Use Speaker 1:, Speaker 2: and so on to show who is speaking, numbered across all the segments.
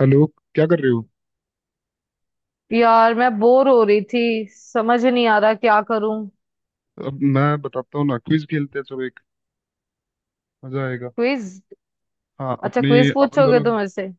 Speaker 1: Hello. क्या कर रहे हो।
Speaker 2: यार मैं बोर हो रही थी। समझ ही नहीं आ रहा क्या करूं।
Speaker 1: अब मैं बताता हूँ ना, क्विज खेलते हैं चलो एक। मजा आएगा।
Speaker 2: क्विज?
Speaker 1: हाँ।
Speaker 2: अच्छा क्विज
Speaker 1: अपन
Speaker 2: पूछोगे
Speaker 1: दोनों की।
Speaker 2: तुम मेरे से?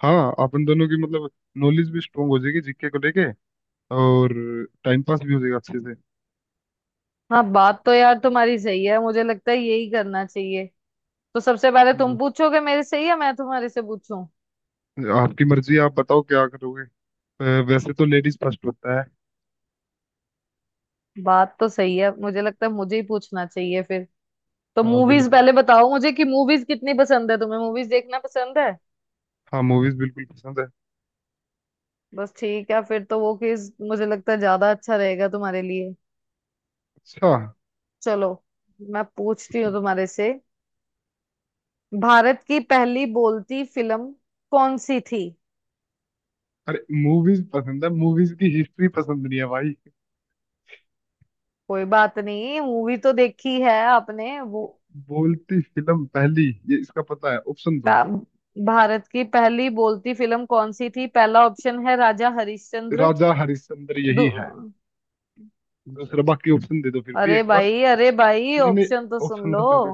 Speaker 1: हाँ, अपन दोनों की मतलब नॉलेज भी स्ट्रोंग हो जाएगी जीके को लेके। और टाइम पास भी हो जाएगा अच्छे से।
Speaker 2: हाँ, बात तो यार तुम्हारी सही है, मुझे लगता है यही करना चाहिए। तो सबसे पहले तुम
Speaker 1: हम्म।
Speaker 2: पूछोगे मेरे से या मैं तुम्हारे से पूछूं?
Speaker 1: आपकी मर्जी है, आप बताओ क्या करोगे। वैसे तो लेडीज फर्स्ट होता है।
Speaker 2: बात तो सही है, मुझे लगता है मुझे ही पूछना चाहिए फिर। तो
Speaker 1: हाँ,
Speaker 2: मूवीज
Speaker 1: बिल्कुल।
Speaker 2: पहले बताओ मुझे कि मूवीज कितनी पसंद है तुम्हें, मूवीज देखना पसंद है?
Speaker 1: हाँ, मूवीज बिल्कुल पसंद है।
Speaker 2: बस ठीक है फिर तो वो क्विज मुझे लगता है ज्यादा अच्छा रहेगा तुम्हारे लिए।
Speaker 1: अच्छा।
Speaker 2: चलो, मैं पूछती हूँ
Speaker 1: पूछो।
Speaker 2: तुम्हारे से। भारत की पहली बोलती फिल्म कौन सी थी?
Speaker 1: अरे मूवीज पसंद है, मूवीज की हिस्ट्री पसंद नहीं है भाई।
Speaker 2: कोई बात नहीं, मूवी तो देखी है आपने वो।
Speaker 1: बोलती फिल्म पहली ये इसका पता है, ऑप्शन दो।
Speaker 2: पा- भारत की पहली बोलती फिल्म कौन सी थी? पहला ऑप्शन है राजा हरिश्चंद्र।
Speaker 1: राजा हरिश्चंद्र
Speaker 2: दू
Speaker 1: यही है। दूसरा, बाकी ऑप्शन दे दो फिर भी
Speaker 2: अरे
Speaker 1: एक बार।
Speaker 2: भाई अरे भाई,
Speaker 1: नहीं, नहीं,
Speaker 2: ऑप्शन तो सुन
Speaker 1: ऑप्शन तो
Speaker 2: लो।
Speaker 1: दे दो।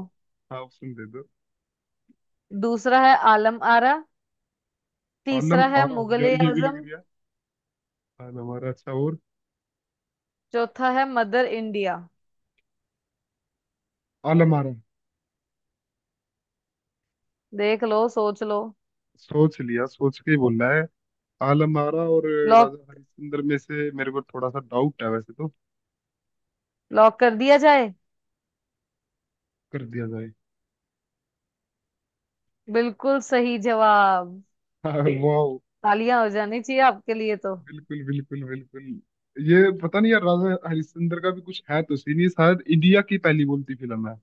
Speaker 1: हाँ, ऑप्शन दे दो।
Speaker 2: दूसरा है आलम आरा।
Speaker 1: आलम
Speaker 2: तीसरा है
Speaker 1: आरा,
Speaker 2: मुगल
Speaker 1: यार
Speaker 2: ए
Speaker 1: ये भी लग
Speaker 2: आजम।
Speaker 1: रही है। आलम आरा। अच्छा। और?
Speaker 2: चौथा है मदर इंडिया।
Speaker 1: आलम आरा।
Speaker 2: देख लो सोच लो।
Speaker 1: सोच लिया, सोच के ही बोलना है। आलम आरा और।
Speaker 2: लॉक
Speaker 1: राजा हरिश्चंद्र में से मेरे को थोड़ा सा डाउट है वैसे तो।
Speaker 2: लॉक कर दिया जाए?
Speaker 1: कर दिया जाए।
Speaker 2: बिल्कुल सही जवाब।
Speaker 1: हाँ। वाह।
Speaker 2: तालियां हो जानी चाहिए आपके लिए तो।
Speaker 1: बिल्कुल, बिल्कुल, बिल्कुल। ये पता नहीं यार, राजा हरिश्चंद्र का भी कुछ है तो सीन, ये शायद इंडिया की पहली बोलती फिल्म है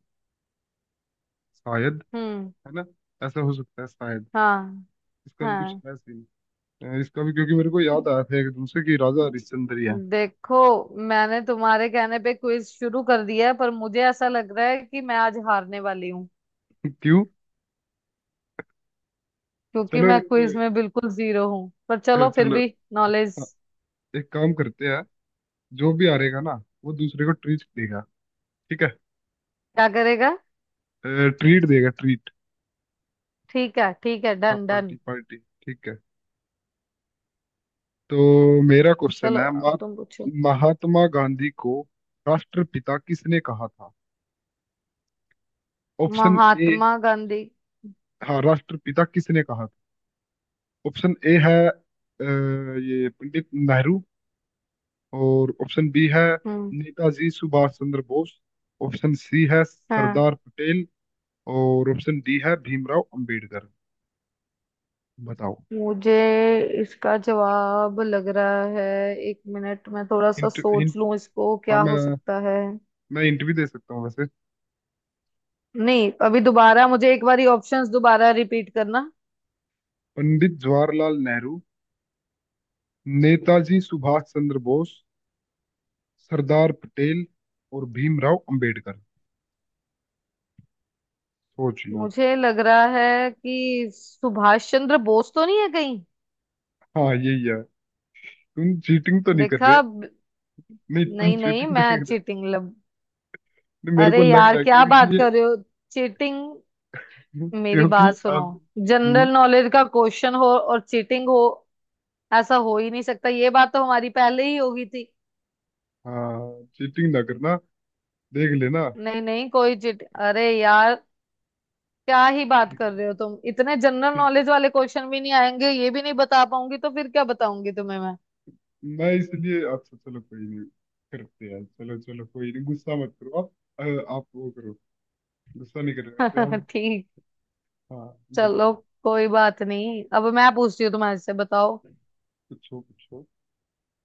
Speaker 1: शायद।
Speaker 2: हम्म।
Speaker 1: है ना? ऐसा हो सकता है शायद।
Speaker 2: हाँ,
Speaker 1: इसका भी कुछ
Speaker 2: हाँ।
Speaker 1: है सीन। इसका भी, क्योंकि मेरे को याद आया था एक दूसरे की राजा हरिश्चंद्र ही है।
Speaker 2: देखो, मैंने तुम्हारे कहने पे क्विज शुरू कर दिया है पर मुझे ऐसा लग रहा है कि मैं आज हारने वाली हूँ।
Speaker 1: क्यों?
Speaker 2: क्योंकि
Speaker 1: चलो
Speaker 2: मैं
Speaker 1: एक
Speaker 2: क्विज में बिल्कुल जीरो हूँ, पर चलो फिर
Speaker 1: चलो,
Speaker 2: भी। नॉलेज।
Speaker 1: एक काम करते हैं। जो भी हारेगा ना, वो दूसरे को ट्रीट देगा। ठीक है?
Speaker 2: क्या करेगा?
Speaker 1: ट्रीट देगा, ट्रीट।
Speaker 2: ठीक है ठीक है,
Speaker 1: हाँ,
Speaker 2: डन
Speaker 1: पार्टी
Speaker 2: डन।
Speaker 1: पार्टी। ठीक है। तो मेरा क्वेश्चन
Speaker 2: चलो
Speaker 1: है,
Speaker 2: अब तुम पूछो।
Speaker 1: महात्मा गांधी को राष्ट्रपिता किसने कहा था? Option A.
Speaker 2: महात्मा गांधी।
Speaker 1: हाँ, राष्ट्रपिता किसने कहा था? ऑप्शन ए है ये पंडित नेहरू। और ऑप्शन बी है
Speaker 2: हम्म।
Speaker 1: नेताजी सुभाष चंद्र बोस। ऑप्शन सी है
Speaker 2: हाँ।
Speaker 1: सरदार पटेल। और ऑप्शन डी है भीमराव अंबेडकर। बताओ।
Speaker 2: मुझे इसका जवाब लग रहा है। एक मिनट, मैं थोड़ा सा
Speaker 1: हिंट, हिंट।
Speaker 2: सोच लूं इसको
Speaker 1: हाँ,
Speaker 2: क्या
Speaker 1: मैं
Speaker 2: हो सकता है।
Speaker 1: मैं हिंट भी दे सकता हूँ वैसे।
Speaker 2: नहीं, अभी दोबारा मुझे एक बारी ऑप्शंस दोबारा रिपीट करना।
Speaker 1: पंडित जवाहरलाल नेहरू, नेताजी सुभाष चंद्र बोस, सरदार पटेल और भीमराव अंबेडकर। सोच लो।
Speaker 2: मुझे लग रहा है कि सुभाष चंद्र बोस तो नहीं है कहीं?
Speaker 1: हाँ, यही है। तुम चीटिंग तो नहीं कर रहे?
Speaker 2: देखा
Speaker 1: नहीं, तुम
Speaker 2: नहीं नहीं,
Speaker 1: चीटिंग तो
Speaker 2: मैं
Speaker 1: नहीं कर रहे?
Speaker 2: चीटिंग लब।
Speaker 1: नहीं, मेरे
Speaker 2: अरे
Speaker 1: को लग
Speaker 2: यार,
Speaker 1: रहा है
Speaker 2: क्या
Speaker 1: क्योंकि
Speaker 2: बात
Speaker 1: ये।
Speaker 2: कर रहे हो? चीटिंग! मेरी
Speaker 1: क्योंकि
Speaker 2: बात सुनो।
Speaker 1: अब। हम्म,
Speaker 2: जनरल नॉलेज का क्वेश्चन हो और चीटिंग हो, ऐसा हो ही नहीं सकता। ये बात तो हमारी पहले ही होगी थी।
Speaker 1: हाँ, चीटिंग ना करना। देख लेना।
Speaker 2: नहीं नहीं, कोई चीट। अरे यार, क्या ही बात
Speaker 1: ठीक,
Speaker 2: कर रहे हो तुम। इतने जनरल
Speaker 1: ठीक।
Speaker 2: नॉलेज वाले क्वेश्चन भी नहीं आएंगे, ये भी नहीं बता पाऊंगी तो फिर क्या बताऊंगी तुम्हें।
Speaker 1: मैं इसलिए, अच्छा चलो कोई नहीं। करते हैं, चलो, चलो कोई नहीं, गुस्सा मत करो आप। आप वो करो, गुस्सा नहीं करेगा तो
Speaker 2: मैं
Speaker 1: हम।
Speaker 2: ठीक।
Speaker 1: हाँ। बोलो।
Speaker 2: चलो। कोई बात नहीं, अब मैं पूछती हूँ तुम्हारे से, बताओ।
Speaker 1: पूछो, पूछो।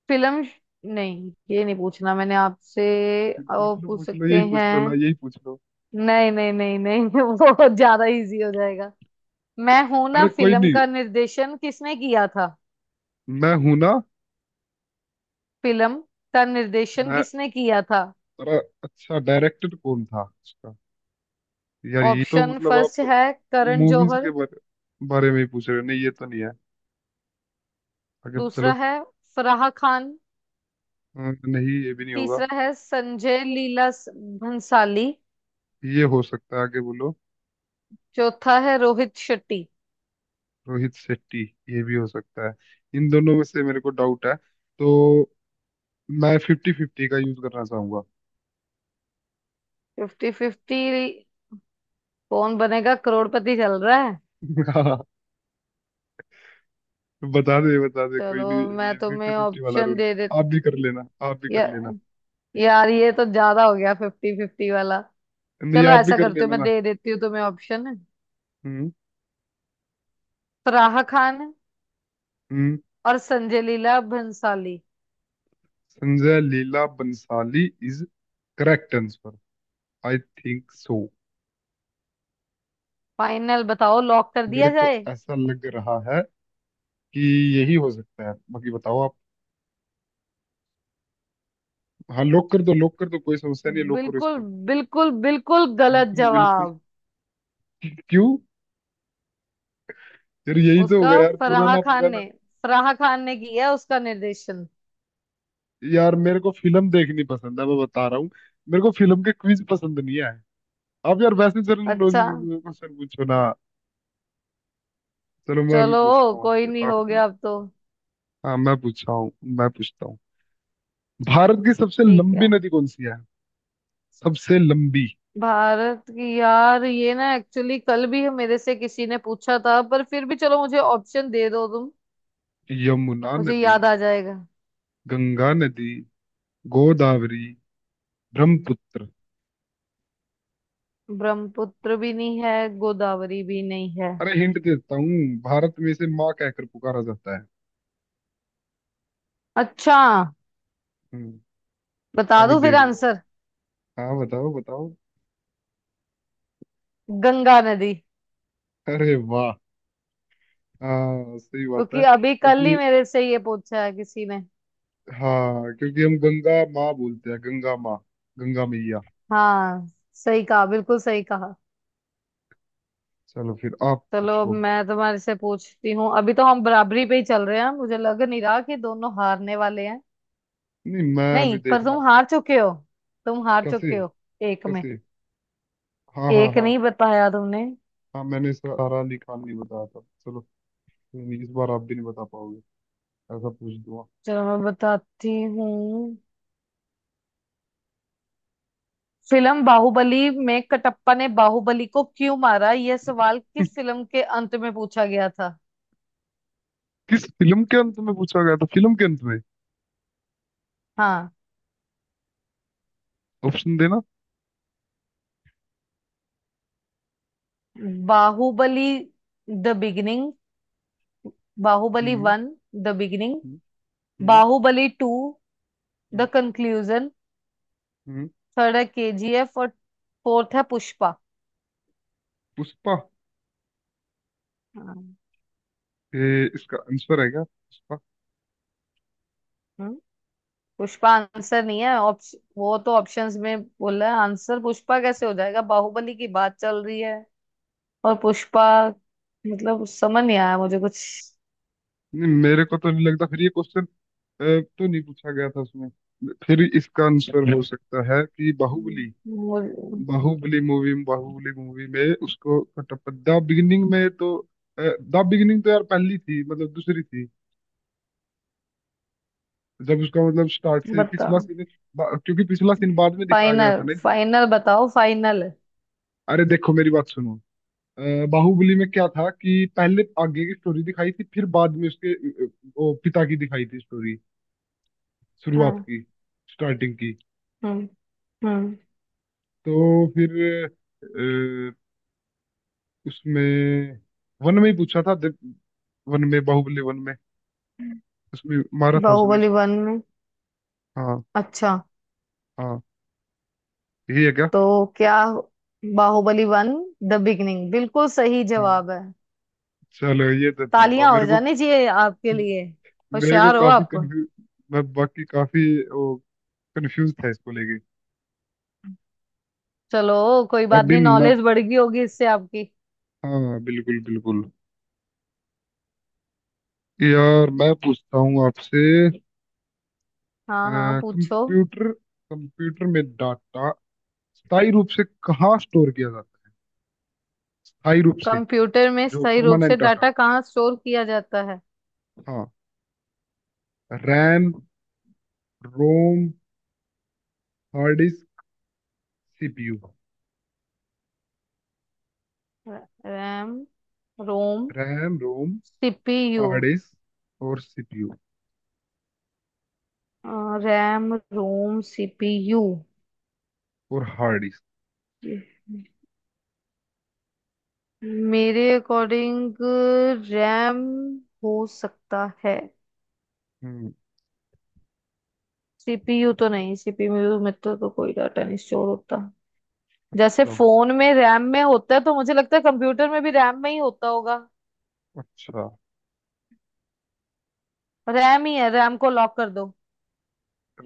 Speaker 2: फिल्म। नहीं, ये नहीं पूछना मैंने आपसे। और
Speaker 1: पूछ लो,
Speaker 2: पूछ
Speaker 1: पूछ लो,
Speaker 2: सकते
Speaker 1: यही पूछ लो ना,
Speaker 2: हैं।
Speaker 1: यही पूछ लो।
Speaker 2: नहीं नहीं नहीं नहीं वो ज्यादा इजी हो जाएगा। मैं हूं ना
Speaker 1: अरे कोई
Speaker 2: फिल्म
Speaker 1: नहीं,
Speaker 2: का निर्देशन किसने किया था?
Speaker 1: मैं हूं ना।
Speaker 2: फिल्म का निर्देशन
Speaker 1: मैं,
Speaker 2: किसने किया था?
Speaker 1: अरे अच्छा डायरेक्टर कौन था उसका? यार ये तो
Speaker 2: ऑप्शन
Speaker 1: मतलब
Speaker 2: फर्स्ट
Speaker 1: आप
Speaker 2: है करण
Speaker 1: मूवीज के
Speaker 2: जौहर।
Speaker 1: बारे में ही पूछ रहे हो। नहीं, ये तो नहीं है, आगे
Speaker 2: दूसरा
Speaker 1: चलो।
Speaker 2: है फराह खान।
Speaker 1: नहीं, ये भी नहीं होगा।
Speaker 2: तीसरा है संजय लीला भंसाली।
Speaker 1: ये हो सकता है, आगे बोलो।
Speaker 2: चौथा है रोहित शेट्टी।
Speaker 1: रोहित शेट्टी, ये भी हो सकता है। इन दोनों में से मेरे को डाउट है, तो मैं फिफ्टी फिफ्टी का यूज करना चाहूंगा।
Speaker 2: Fifty fifty? कौन बनेगा करोड़पति चल रहा है?
Speaker 1: हाँ, बता दे, बता दे, कोई
Speaker 2: चलो
Speaker 1: नहीं
Speaker 2: मैं
Speaker 1: ये फिफ्टी
Speaker 2: तुम्हें
Speaker 1: फिफ्टी वाला
Speaker 2: ऑप्शन
Speaker 1: रूल।
Speaker 2: दे
Speaker 1: आप भी कर
Speaker 2: देती।
Speaker 1: लेना, आप भी कर
Speaker 2: या,
Speaker 1: लेना।
Speaker 2: यार ये तो ज्यादा हो गया फिफ्टी फिफ्टी वाला।
Speaker 1: नहीं,
Speaker 2: चलो
Speaker 1: आप भी
Speaker 2: ऐसा
Speaker 1: कर
Speaker 2: करती हूँ,
Speaker 1: लेना
Speaker 2: मैं
Speaker 1: ना।
Speaker 2: दे देती हूँ तुम्हें ऑप्शन।
Speaker 1: हम्म।
Speaker 2: फराह खान
Speaker 1: हम्म।
Speaker 2: और Sanjay Leela Bhansali.
Speaker 1: Sanjay Leela Bhansali is correct answer, I think so.
Speaker 2: Final बताओ, लॉक कर
Speaker 1: मेरे
Speaker 2: दिया
Speaker 1: को
Speaker 2: जाए?
Speaker 1: ऐसा लग रहा है कि यही हो सकता है, बाकी बताओ आप। हाँ, लॉक कर दो, लॉक कर दो, कोई समस्या नहीं है, लॉक करो
Speaker 2: बिल्कुल
Speaker 1: इसको।
Speaker 2: बिल्कुल बिल्कुल गलत
Speaker 1: बिल्कुल, बिल्कुल।
Speaker 2: जवाब।
Speaker 1: क्यों? फिर यही तो
Speaker 2: उसका
Speaker 1: होगा यार,
Speaker 2: फराह
Speaker 1: पुराना
Speaker 2: खान
Speaker 1: पुराना।
Speaker 2: ने, फराह खान ने किया उसका निर्देशन।
Speaker 1: यार मेरे को फिल्म देखनी पसंद है, मैं बता रहा हूँ। मेरे को फिल्म के क्विज पसंद नहीं आए। आप यार वैसे जनरल
Speaker 2: अच्छा।
Speaker 1: नॉलेज के क्वेश्चन पूछो ना। चलो, मैं अभी
Speaker 2: चलो
Speaker 1: पूछता हूँ
Speaker 2: कोई
Speaker 1: आपसे।
Speaker 2: नहीं,
Speaker 1: आप।
Speaker 2: हो गया अब तो।
Speaker 1: हाँ, मैं पूछता हूँ भारत की सबसे
Speaker 2: ठीक
Speaker 1: लंबी
Speaker 2: है।
Speaker 1: नदी कौन सी है? सबसे लंबी।
Speaker 2: भारत की, यार ये ना एक्चुअली कल भी मेरे से किसी ने पूछा था, पर फिर भी चलो, मुझे ऑप्शन दे दो तुम।
Speaker 1: यमुना
Speaker 2: मुझे
Speaker 1: नदी,
Speaker 2: याद आ जाएगा।
Speaker 1: गंगा नदी, गोदावरी, ब्रह्मपुत्र।
Speaker 2: ब्रह्मपुत्र भी नहीं है। गोदावरी भी नहीं है।
Speaker 1: अरे हिंट देता हूँ, भारत में इसे माँ कहकर पुकारा जाता है।
Speaker 2: अच्छा।
Speaker 1: हम्म,
Speaker 2: बता
Speaker 1: अभी
Speaker 2: दूं फिर
Speaker 1: देख लो।
Speaker 2: आंसर?
Speaker 1: हाँ, बताओ, बताओ।
Speaker 2: गंगा नदी।
Speaker 1: अरे वाह। हाँ, सही बात
Speaker 2: क्योंकि
Speaker 1: है,
Speaker 2: अभी कल ही
Speaker 1: क्योंकि।
Speaker 2: मेरे से ये पूछा है किसी ने।
Speaker 1: हाँ, क्योंकि हम गंगा माँ बोलते हैं, गंगा माँ, गंगा मैया।
Speaker 2: हाँ सही कहा, बिल्कुल सही कहा।
Speaker 1: चलो, फिर आप
Speaker 2: चलो अब
Speaker 1: पूछो अब।
Speaker 2: मैं तुम्हारे से पूछती हूँ। अभी तो हम बराबरी पे ही चल रहे हैं, मुझे लग नहीं रहा कि दोनों हारने वाले हैं।
Speaker 1: नहीं, मैं अभी
Speaker 2: नहीं, पर
Speaker 1: देखना।
Speaker 2: तुम हार चुके हो। तुम हार
Speaker 1: कैसे?
Speaker 2: चुके हो। एक में।
Speaker 1: कैसे? हाँ, हाँ,
Speaker 2: एक
Speaker 1: हाँ।
Speaker 2: नहीं बताया तुमने।
Speaker 1: हाँ, मैंने सारा अली खान नहीं बताया था। चलो कोई नहीं, इस बार आप भी नहीं बता पाओगे, ऐसा पूछ दूंगा।
Speaker 2: चलो मैं बताती हूँ। फिल्म बाहुबली में कटप्पा ने बाहुबली को क्यों मारा, यह सवाल किस फिल्म के अंत में पूछा गया था?
Speaker 1: किस फिल्म के अंत में पूछा गया था? फिल्म के अंत में।
Speaker 2: हाँ।
Speaker 1: ऑप्शन देना।
Speaker 2: Baahubali the beginning, Baahubali
Speaker 1: hmm.
Speaker 2: One the beginning,
Speaker 1: hmm. Hmm.
Speaker 2: Baahubali two
Speaker 1: hmm.
Speaker 2: The conclusion.
Speaker 1: Hmm.
Speaker 2: Third है केजीएफ और फोर्थ है पुष्पा।
Speaker 1: पुष्पा।
Speaker 2: हाँ।
Speaker 1: ये इसका आंसर है क्या, पुष्पा?
Speaker 2: हम्म, पुष्पा आंसर नहीं है। वो तो ऑप्शंस में बोल रहा है, आंसर पुष्पा कैसे हो जाएगा? बाहुबली की बात चल रही है और पुष्पा? मतलब समझ नहीं आया मुझे कुछ।
Speaker 1: नहीं मेरे को तो नहीं लगता, फिर ये क्वेश्चन तो नहीं पूछा गया था उसमें। फिर इसका आंसर हो सकता है कि बाहुबली।
Speaker 2: हम्म, मुझे,
Speaker 1: बाहुबली मूवी में उसको कटप्पा, द बिगिनिंग में तो। द बिगिनिंग तो यार पहली थी, मतलब दूसरी थी, जब उसका मतलब स्टार्ट से पिछला
Speaker 2: बताओ।
Speaker 1: सीन। क्योंकि पिछला सीन बाद में दिखाया गया था
Speaker 2: फाइनल
Speaker 1: ना इसमें।
Speaker 2: फाइनल बताओ, फाइनल है।
Speaker 1: अरे देखो, मेरी बात सुनो। अ, बाहुबली में क्या था कि पहले आगे की स्टोरी दिखाई थी, फिर बाद में उसके वो पिता की दिखाई थी स्टोरी, शुरुआत
Speaker 2: हाँ।
Speaker 1: की, स्टार्टिंग की।
Speaker 2: हम्म। हम्म।
Speaker 1: तो फिर अ, उसमें वन में ही पूछा था, वन में, बाहुबली वन में उसमें मारा था उसने।
Speaker 2: बाहुबली वन में?
Speaker 1: हाँ।
Speaker 2: अच्छा।
Speaker 1: हाँ, यही है क्या?
Speaker 2: तो क्या बाहुबली वन द बिगिनिंग बिल्कुल सही
Speaker 1: हाँ।
Speaker 2: जवाब है।
Speaker 1: चलो, ये तो ठीक हुआ
Speaker 2: तालियां हो
Speaker 1: मेरे को।
Speaker 2: जानी चाहिए आपके लिए,
Speaker 1: मेरे को
Speaker 2: होशियार हो
Speaker 1: काफी
Speaker 2: आप।
Speaker 1: कंफ्यूज, मैं बाकी काफी, वो कंफ्यूज था इसको लेके।
Speaker 2: चलो कोई बात
Speaker 1: अभी
Speaker 2: नहीं,
Speaker 1: मैं,
Speaker 2: नॉलेज बढ़ गई होगी इससे आपकी।
Speaker 1: हाँ बिल्कुल, बिल्कुल। यार मैं पूछता हूँ आपसे।
Speaker 2: हाँ हाँ पूछो।
Speaker 1: कंप्यूटर कंप्यूटर में डाटा स्थायी रूप से कहाँ स्टोर किया जाता है? स्थायी रूप से।
Speaker 2: कंप्यूटर में
Speaker 1: जो
Speaker 2: सही रूप से
Speaker 1: परमानेंट डाटा।
Speaker 2: डाटा कहाँ स्टोर किया जाता है?
Speaker 1: हाँ, RAM, ROM, hard disk, CPU.
Speaker 2: RAM, ROM,
Speaker 1: RAM, ROM,
Speaker 2: CPU.
Speaker 1: Hard disk और सीपीयू,
Speaker 2: रैम, रोम, सीपीयू।
Speaker 1: और हार्ड डिस्क।
Speaker 2: मेरे अकॉर्डिंग रैम हो सकता है।
Speaker 1: हम्म।
Speaker 2: सीपीयू तो नहीं, सीपीयू में तो कोई डाटा नहीं स्टोर होता। जैसे
Speaker 1: अच्छा।
Speaker 2: फोन में रैम में होता है तो मुझे लगता है कंप्यूटर में भी रैम में ही होता होगा।
Speaker 1: अच्छा।
Speaker 2: रैम ही है, रैम को लॉक कर दो।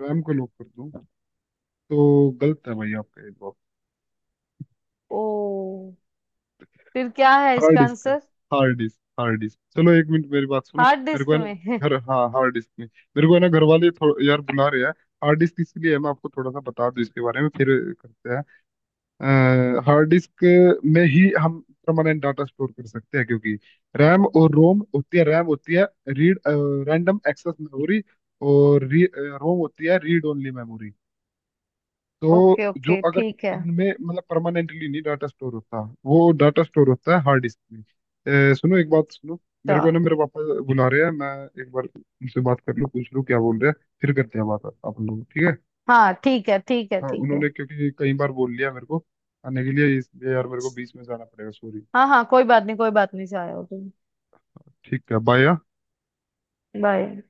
Speaker 1: रैम को लॉक कर दूं? तो गलत है भाई आपका ये जवाब।
Speaker 2: ओ। फिर क्या है
Speaker 1: हार्ड
Speaker 2: इसका
Speaker 1: डिस्क है।
Speaker 2: Answer?
Speaker 1: Hard disk, hard disk. चलो, एक मिनट मेरी बात सुनो।
Speaker 2: हार्ड
Speaker 1: मेरे को
Speaker 2: डिस्क
Speaker 1: है ना
Speaker 2: में?
Speaker 1: घर, हाँ हार्ड डिस्क नहीं। मेरे को है ना, घर वाले थोड़ा यार बुला रहे हैं। हार्ड डिस्क इसलिए है, मैं आपको थोड़ा सा बता दूं इसके बारे में, फिर करते हैं। हार्ड डिस्क में ही हम परमानेंट डाटा स्टोर कर सकते हैं, क्योंकि रैम और रोम होती है। रैम होती है रीड रैंडम एक्सेस मेमोरी, और रोम होती है रीड ओनली मेमोरी। तो
Speaker 2: ओके
Speaker 1: जो,
Speaker 2: ओके
Speaker 1: अगर
Speaker 2: ठीक है।
Speaker 1: इनमें मतलब परमानेंटली नहीं डाटा स्टोर होता, वो डाटा स्टोर होता है हार्ड डिस्क में। सुनो, एक बात सुनो।
Speaker 2: तो।
Speaker 1: मेरे को ना, मेरे पापा बुला रहे हैं, मैं एक बार उनसे बात कर लूँ, पूछ लूँ क्या बोल रहे हैं, फिर करते हैं बात। आप लोग, ठीक है?
Speaker 2: हाँ ठीक है ठीक है
Speaker 1: हाँ
Speaker 2: ठीक है।
Speaker 1: उन्होंने, क्योंकि कई बार बोल लिया मेरे को आने के लिए, इसलिए यार मेरे को बीच में जाना पड़ेगा, सॉरी।
Speaker 2: हाँ हाँ कोई बात नहीं, कोई बात नहीं, चाहे हो तुम।
Speaker 1: ठीक है, बाय।
Speaker 2: बाय।